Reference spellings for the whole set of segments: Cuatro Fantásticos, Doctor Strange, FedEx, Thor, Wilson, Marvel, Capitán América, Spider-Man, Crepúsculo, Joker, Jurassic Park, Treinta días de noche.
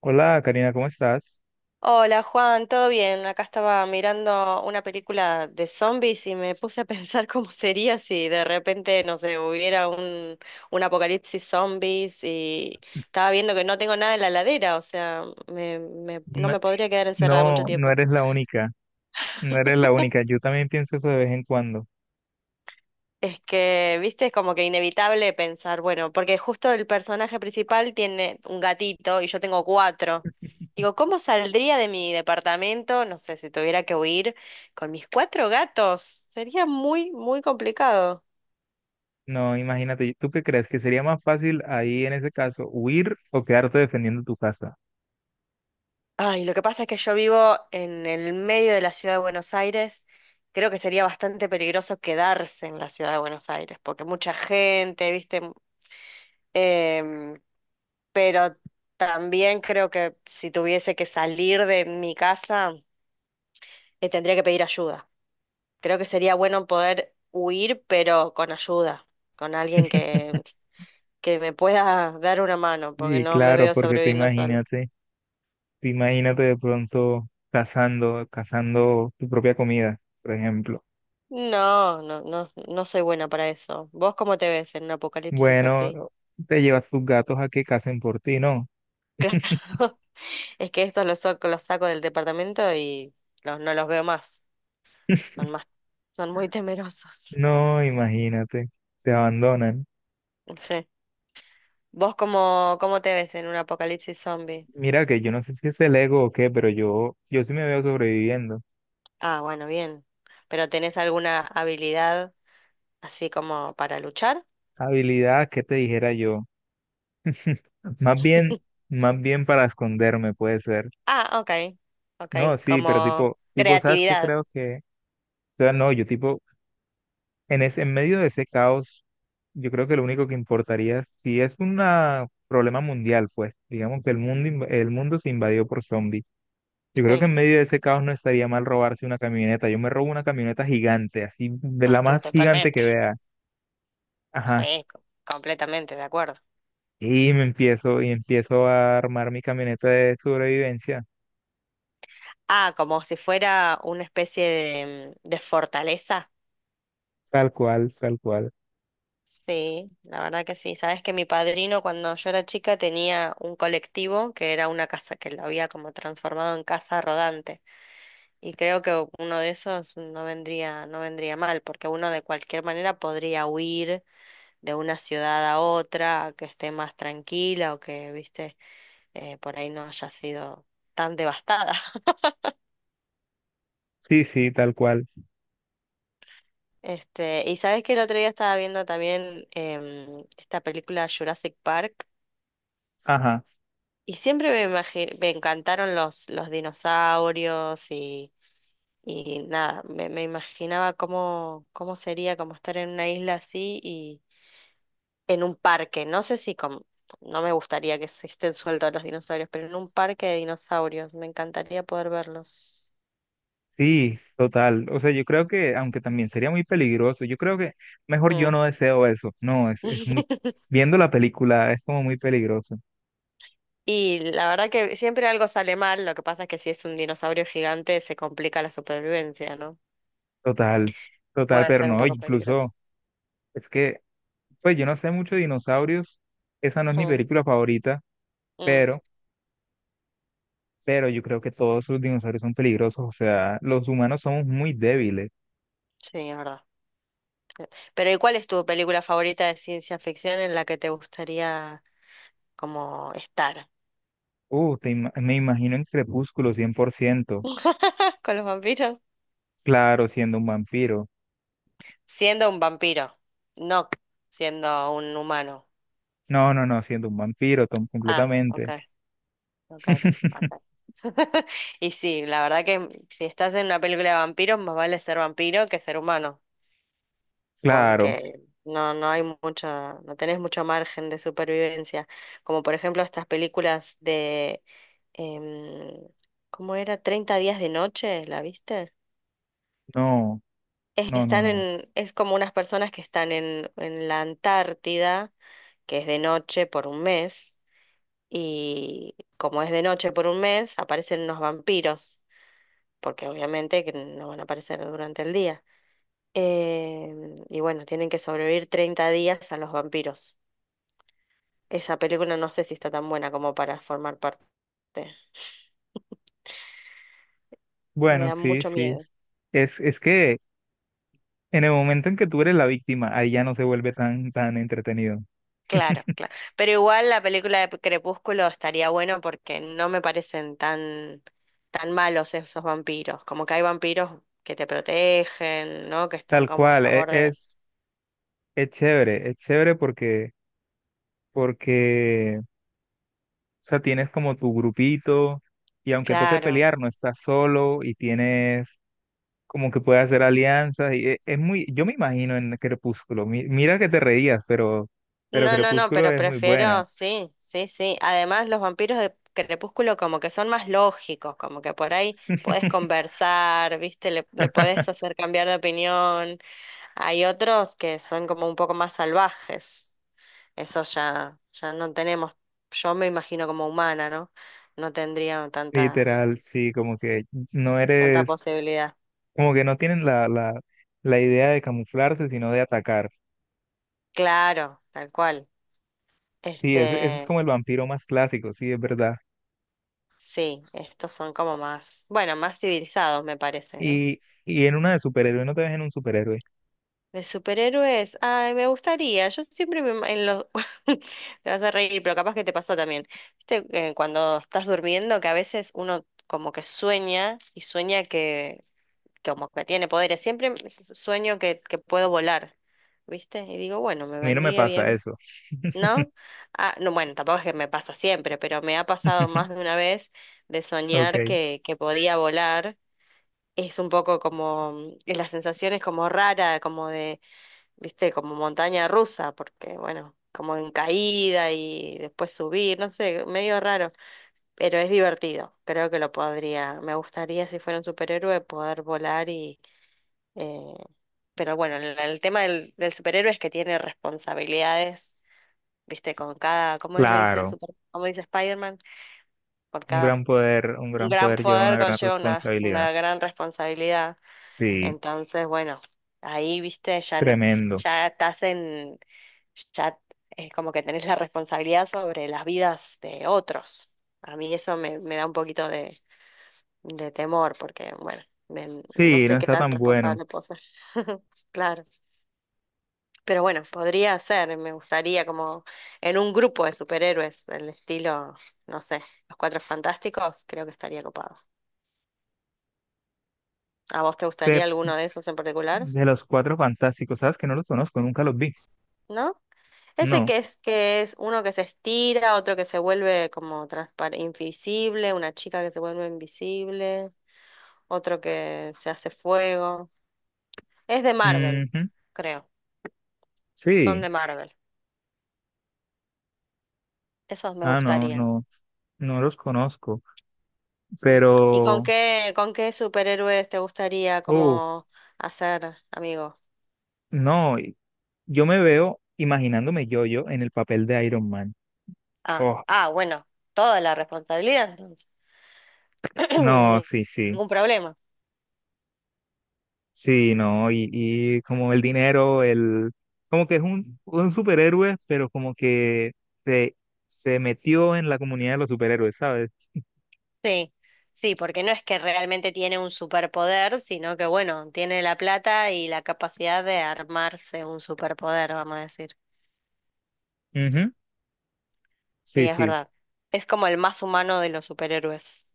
Hola, Karina, ¿cómo estás? Hola Juan, ¿todo bien? Acá estaba mirando una película de zombies y me puse a pensar cómo sería si de repente, no sé, hubiera un apocalipsis zombies y estaba viendo que no tengo nada en la heladera, o sea, no Ima- me podría quedar encerrada mucho No, no tiempo. eres la única, no eres la única. Yo también pienso eso de vez en cuando. Es que, viste, es como que inevitable pensar, bueno, porque justo el personaje principal tiene un gatito y yo tengo cuatro. Digo, ¿cómo saldría de mi departamento? No sé, si tuviera que huir con mis cuatro gatos. Sería muy, muy complicado. No, imagínate, ¿tú qué crees? ¿Que sería más fácil ahí en ese caso huir o quedarte defendiendo tu casa? Ay, lo que pasa es que yo vivo en el medio de la ciudad de Buenos Aires. Creo que sería bastante peligroso quedarse en la ciudad de Buenos Aires, porque mucha gente, viste, em, pero también creo que si tuviese que salir de mi casa, tendría que pedir ayuda. Creo que sería bueno poder huir, pero con ayuda, con alguien que me pueda dar una mano, porque Sí, no me claro, veo porque sobreviviendo solo. Te imagínate de pronto cazando, cazando tu propia comida, por ejemplo. No, no, no, no soy buena para eso. ¿Vos cómo te ves en un apocalipsis Bueno, así? te llevas tus gatos a que cacen por ti, ¿no? Claro, es que estos los saco del departamento y los, no los veo más. Son más, son muy temerosos. No, imagínate, te abandonan. Sí. ¿Vos cómo, cómo te ves en un apocalipsis zombie? Mira que yo no sé si es el ego o qué, pero yo sí me veo sobreviviendo. Ah, bueno, bien. ¿Pero tenés alguna habilidad así como para luchar? Habilidad, ¿qué te dijera yo? Más bien, más bien para esconderme puede ser. Ah, ok. Ok, No, sí, pero como tipo, ¿sabes qué creatividad. creo que? O sea, no, yo tipo, en ese, en medio de ese caos, yo creo que lo único que importaría, si es un problema mundial, pues, digamos que el mundo, el mundo se invadió por zombies. Yo creo que Sí. en medio de ese caos no estaría mal robarse una camioneta. Yo me robo una camioneta gigante, así, de Ah, la pero más gigante que totalmente. vea. Ajá. Sí, completamente de acuerdo. Y empiezo a armar mi camioneta de sobrevivencia, Ah, como si fuera una especie de fortaleza. tal cual, tal cual. Sí, la verdad que sí. Sabes que mi padrino cuando yo era chica tenía un colectivo que era una casa que lo había como transformado en casa rodante. Y creo que uno de esos no vendría mal, porque uno de cualquier manera podría huir de una ciudad a otra, a que esté más tranquila o que, viste, por ahí no haya sido tan devastada. Sí, sí, tal cual. Este, y sabes que el otro día estaba viendo también esta película Jurassic Park Ajá, y siempre me encantaron los dinosaurios y nada, me imaginaba cómo, cómo sería como estar en una isla así en un parque, no sé si con, no me gustaría que se estén sueltos los dinosaurios, pero en un parque de dinosaurios, me encantaría poder verlos. sí, total. O sea, yo creo que, aunque también sería muy peligroso, yo creo que mejor yo Mm. no deseo eso. No, es muy, viendo la película es como muy peligroso. Y la verdad que siempre algo sale mal, lo que pasa es que si es un dinosaurio gigante se complica la supervivencia, ¿no? Total, total, Puede pero ser un no, poco peligroso. incluso, es que, pues yo no sé mucho de dinosaurios, esa no es mi Mm, película favorita, mm, pero, pero yo creo que todos los dinosaurios son peligrosos, o sea, los humanos somos muy débiles. sí, es verdad. Pero ¿y cuál es tu película favorita de ciencia ficción en la que te gustaría como estar? Me imagino en Crepúsculo 100%. ¿Con los vampiros? Claro, siendo un vampiro. Siendo un vampiro, no siendo un humano. No, no, no, siendo un vampiro, Ah, ok, completamente. ok, ok. Y sí, la verdad que si estás en una película de vampiros, más vale ser vampiro que ser humano, Claro, porque no, no hay mucho, no tenés mucho margen de supervivencia. Como por ejemplo estas películas de, em, ¿cómo era? 30 días de noche, ¿la viste? no, Es, no, no, están no. en, es como unas personas que están en la Antártida, que es de noche por un mes y como es de noche por un mes, aparecen unos vampiros, porque obviamente que no van a aparecer durante el día. Y bueno, tienen que sobrevivir 30 días a los vampiros. Esa película no sé si está tan buena como para formar parte. Me Bueno, da sí, mucho sí. miedo. Es que en el momento en que tú eres la víctima, ahí ya no se vuelve tan, tan entretenido. Claro, claro. Pero igual la película de Crepúsculo estaría bueno porque no me parecen tan, tan malos esos vampiros. Como que hay vampiros que te protegen, ¿no? Que están Tal como a cual, favor de... es chévere, es chévere porque, porque, o sea, tienes como tu grupito y aunque toque Claro. pelear, no estás solo y tienes como que puede hacer alianzas y es muy, yo me imagino en Crepúsculo, mira que te reías, pero No, no, no, Crepúsculo pero es muy buena. prefiero, sí, sí, sí. Además, los vampiros de Crepúsculo como que son más lógicos, como que por ahí podés conversar, ¿viste? Le podés hacer cambiar de opinión. Hay otros que son como un poco más salvajes. Eso ya, ya no tenemos, yo me imagino como humana, ¿no? No tendría tanta, Literal, sí, como que no tanta eres, posibilidad. como que no tienen la idea de camuflarse, sino de atacar. Claro, tal cual. Sí, ese es Este, como el vampiro más clásico, sí, es verdad. sí, estos son como más, bueno, más civilizados, me parece, ¿no? Y, y en una de superhéroe, no te ves en un superhéroe. De superhéroes. Ay, me gustaría. Yo siempre me... ima- En los... Te vas a reír, pero capaz que te pasó también. Viste, que cuando estás durmiendo, que a veces uno como que sueña y sueña que como que tiene poderes. Siempre sueño que puedo volar, ¿viste? Y digo, bueno, me A mí no me vendría pasa bien, eso. ¿no? Ah, no, bueno, tampoco es que me pasa siempre, pero me ha pasado más de una vez de soñar Ok, que podía volar. Es un poco como, la sensación es como rara, como de viste, como montaña rusa, porque bueno, como en caída y después subir, no sé, medio raro, pero es divertido. Creo que lo podría, me gustaría si fuera un superhéroe poder volar y... eh, pero bueno, el tema del, del superhéroe es que tiene responsabilidades, viste, con cada, ¿cómo es, le dice claro. super, cómo dice Spider-Man? Por cada Un un gran gran poder lleva una poder gran conlleva responsabilidad. una gran responsabilidad. Sí, Entonces, bueno, ahí, viste, ya no, tremendo. ya estás en, ya es como que tenés la responsabilidad sobre las vidas de otros. A mí eso me, me da un poquito de temor, porque, bueno, me- no Sí, no sé qué está tan tan bueno. responsable puedo ser. Claro, pero bueno, podría ser, me gustaría como en un grupo de superhéroes del estilo, no sé, los Cuatro Fantásticos, creo que estaría copado. ¿A vos te De, gustaría alguno de esos en particular? de los cuatro fantásticos, ¿sabes que no los conozco? Nunca los vi. ¿No? Ese No. Que es uno que se estira, otro que se vuelve como transparente, invisible, una chica que se vuelve invisible, otro que se hace fuego. Es de Marvel, Ujú. creo. Son Sí. de Marvel. Esos me Ah, no, gustarían. no, no los conozco. Mm. ¿Y Pero, con qué superhéroes te gustaría uff, como hacer amigo? no, yo me veo imaginándome yo-yo en el papel de Iron Man. Ah, Oh, ah, bueno, toda la responsabilidad entonces. no, sí, sí. Ningún problema. Sí, no, y como el dinero, el, como que es un superhéroe, pero como que se, se metió en la comunidad de los superhéroes, ¿sabes? Sí, sí, porque no es que realmente tiene un superpoder, sino que bueno, tiene la plata y la capacidad de armarse un superpoder, vamos a decir. Ujú. Sí, Sí, es sí. verdad. Es como el más humano de los superhéroes,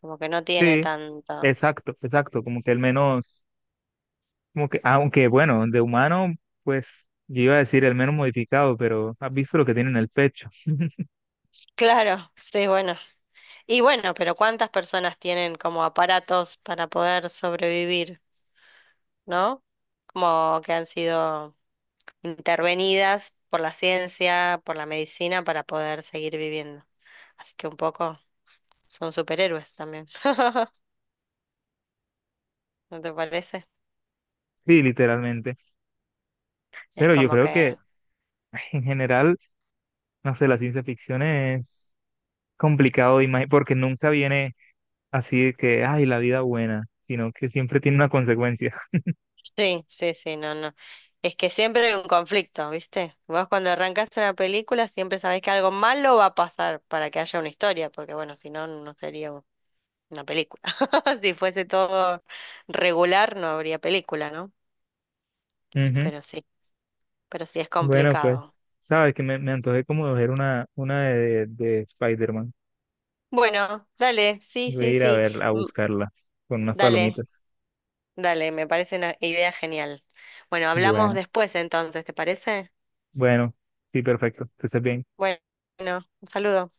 como que no tiene Sí, tanto. exacto, exacto, como que el menos, como que, aunque bueno, de humano, pues yo iba a decir el menos modificado, pero has visto lo que tiene en el pecho, Claro, sí, bueno. Y bueno, pero ¿cuántas personas tienen como aparatos para poder sobrevivir, ¿no? Como que han sido intervenidas por la ciencia, por la medicina, para poder seguir viviendo. Así que un poco... Son superhéroes también. ¿No te parece? sí, literalmente. Es Pero yo como creo que que... en general, no sé, la ciencia ficción es complicado de porque nunca viene así de que, ay, la vida buena, sino que siempre tiene una consecuencia. Sí, sí, sí, no, no. Es que siempre hay un conflicto, ¿viste? Vos cuando arrancás una película siempre sabés que algo malo va a pasar para que haya una historia, porque bueno, si no, una película. Si fuese todo regular, no habría película, ¿no? Ujú. Pero sí, pero sí es Bueno, pues, complicado. sabes que me antojé como de ver una de Spider-Man. Bueno, dale, sí, Voy a sí, ir a sí. verla, a Mm. buscarla con unas Dale, palomitas. dale, me parece una idea genial. Bueno, hablamos Bueno. después entonces, ¿te parece? Bueno, sí, perfecto. Que estés bien. Bueno, un saludo.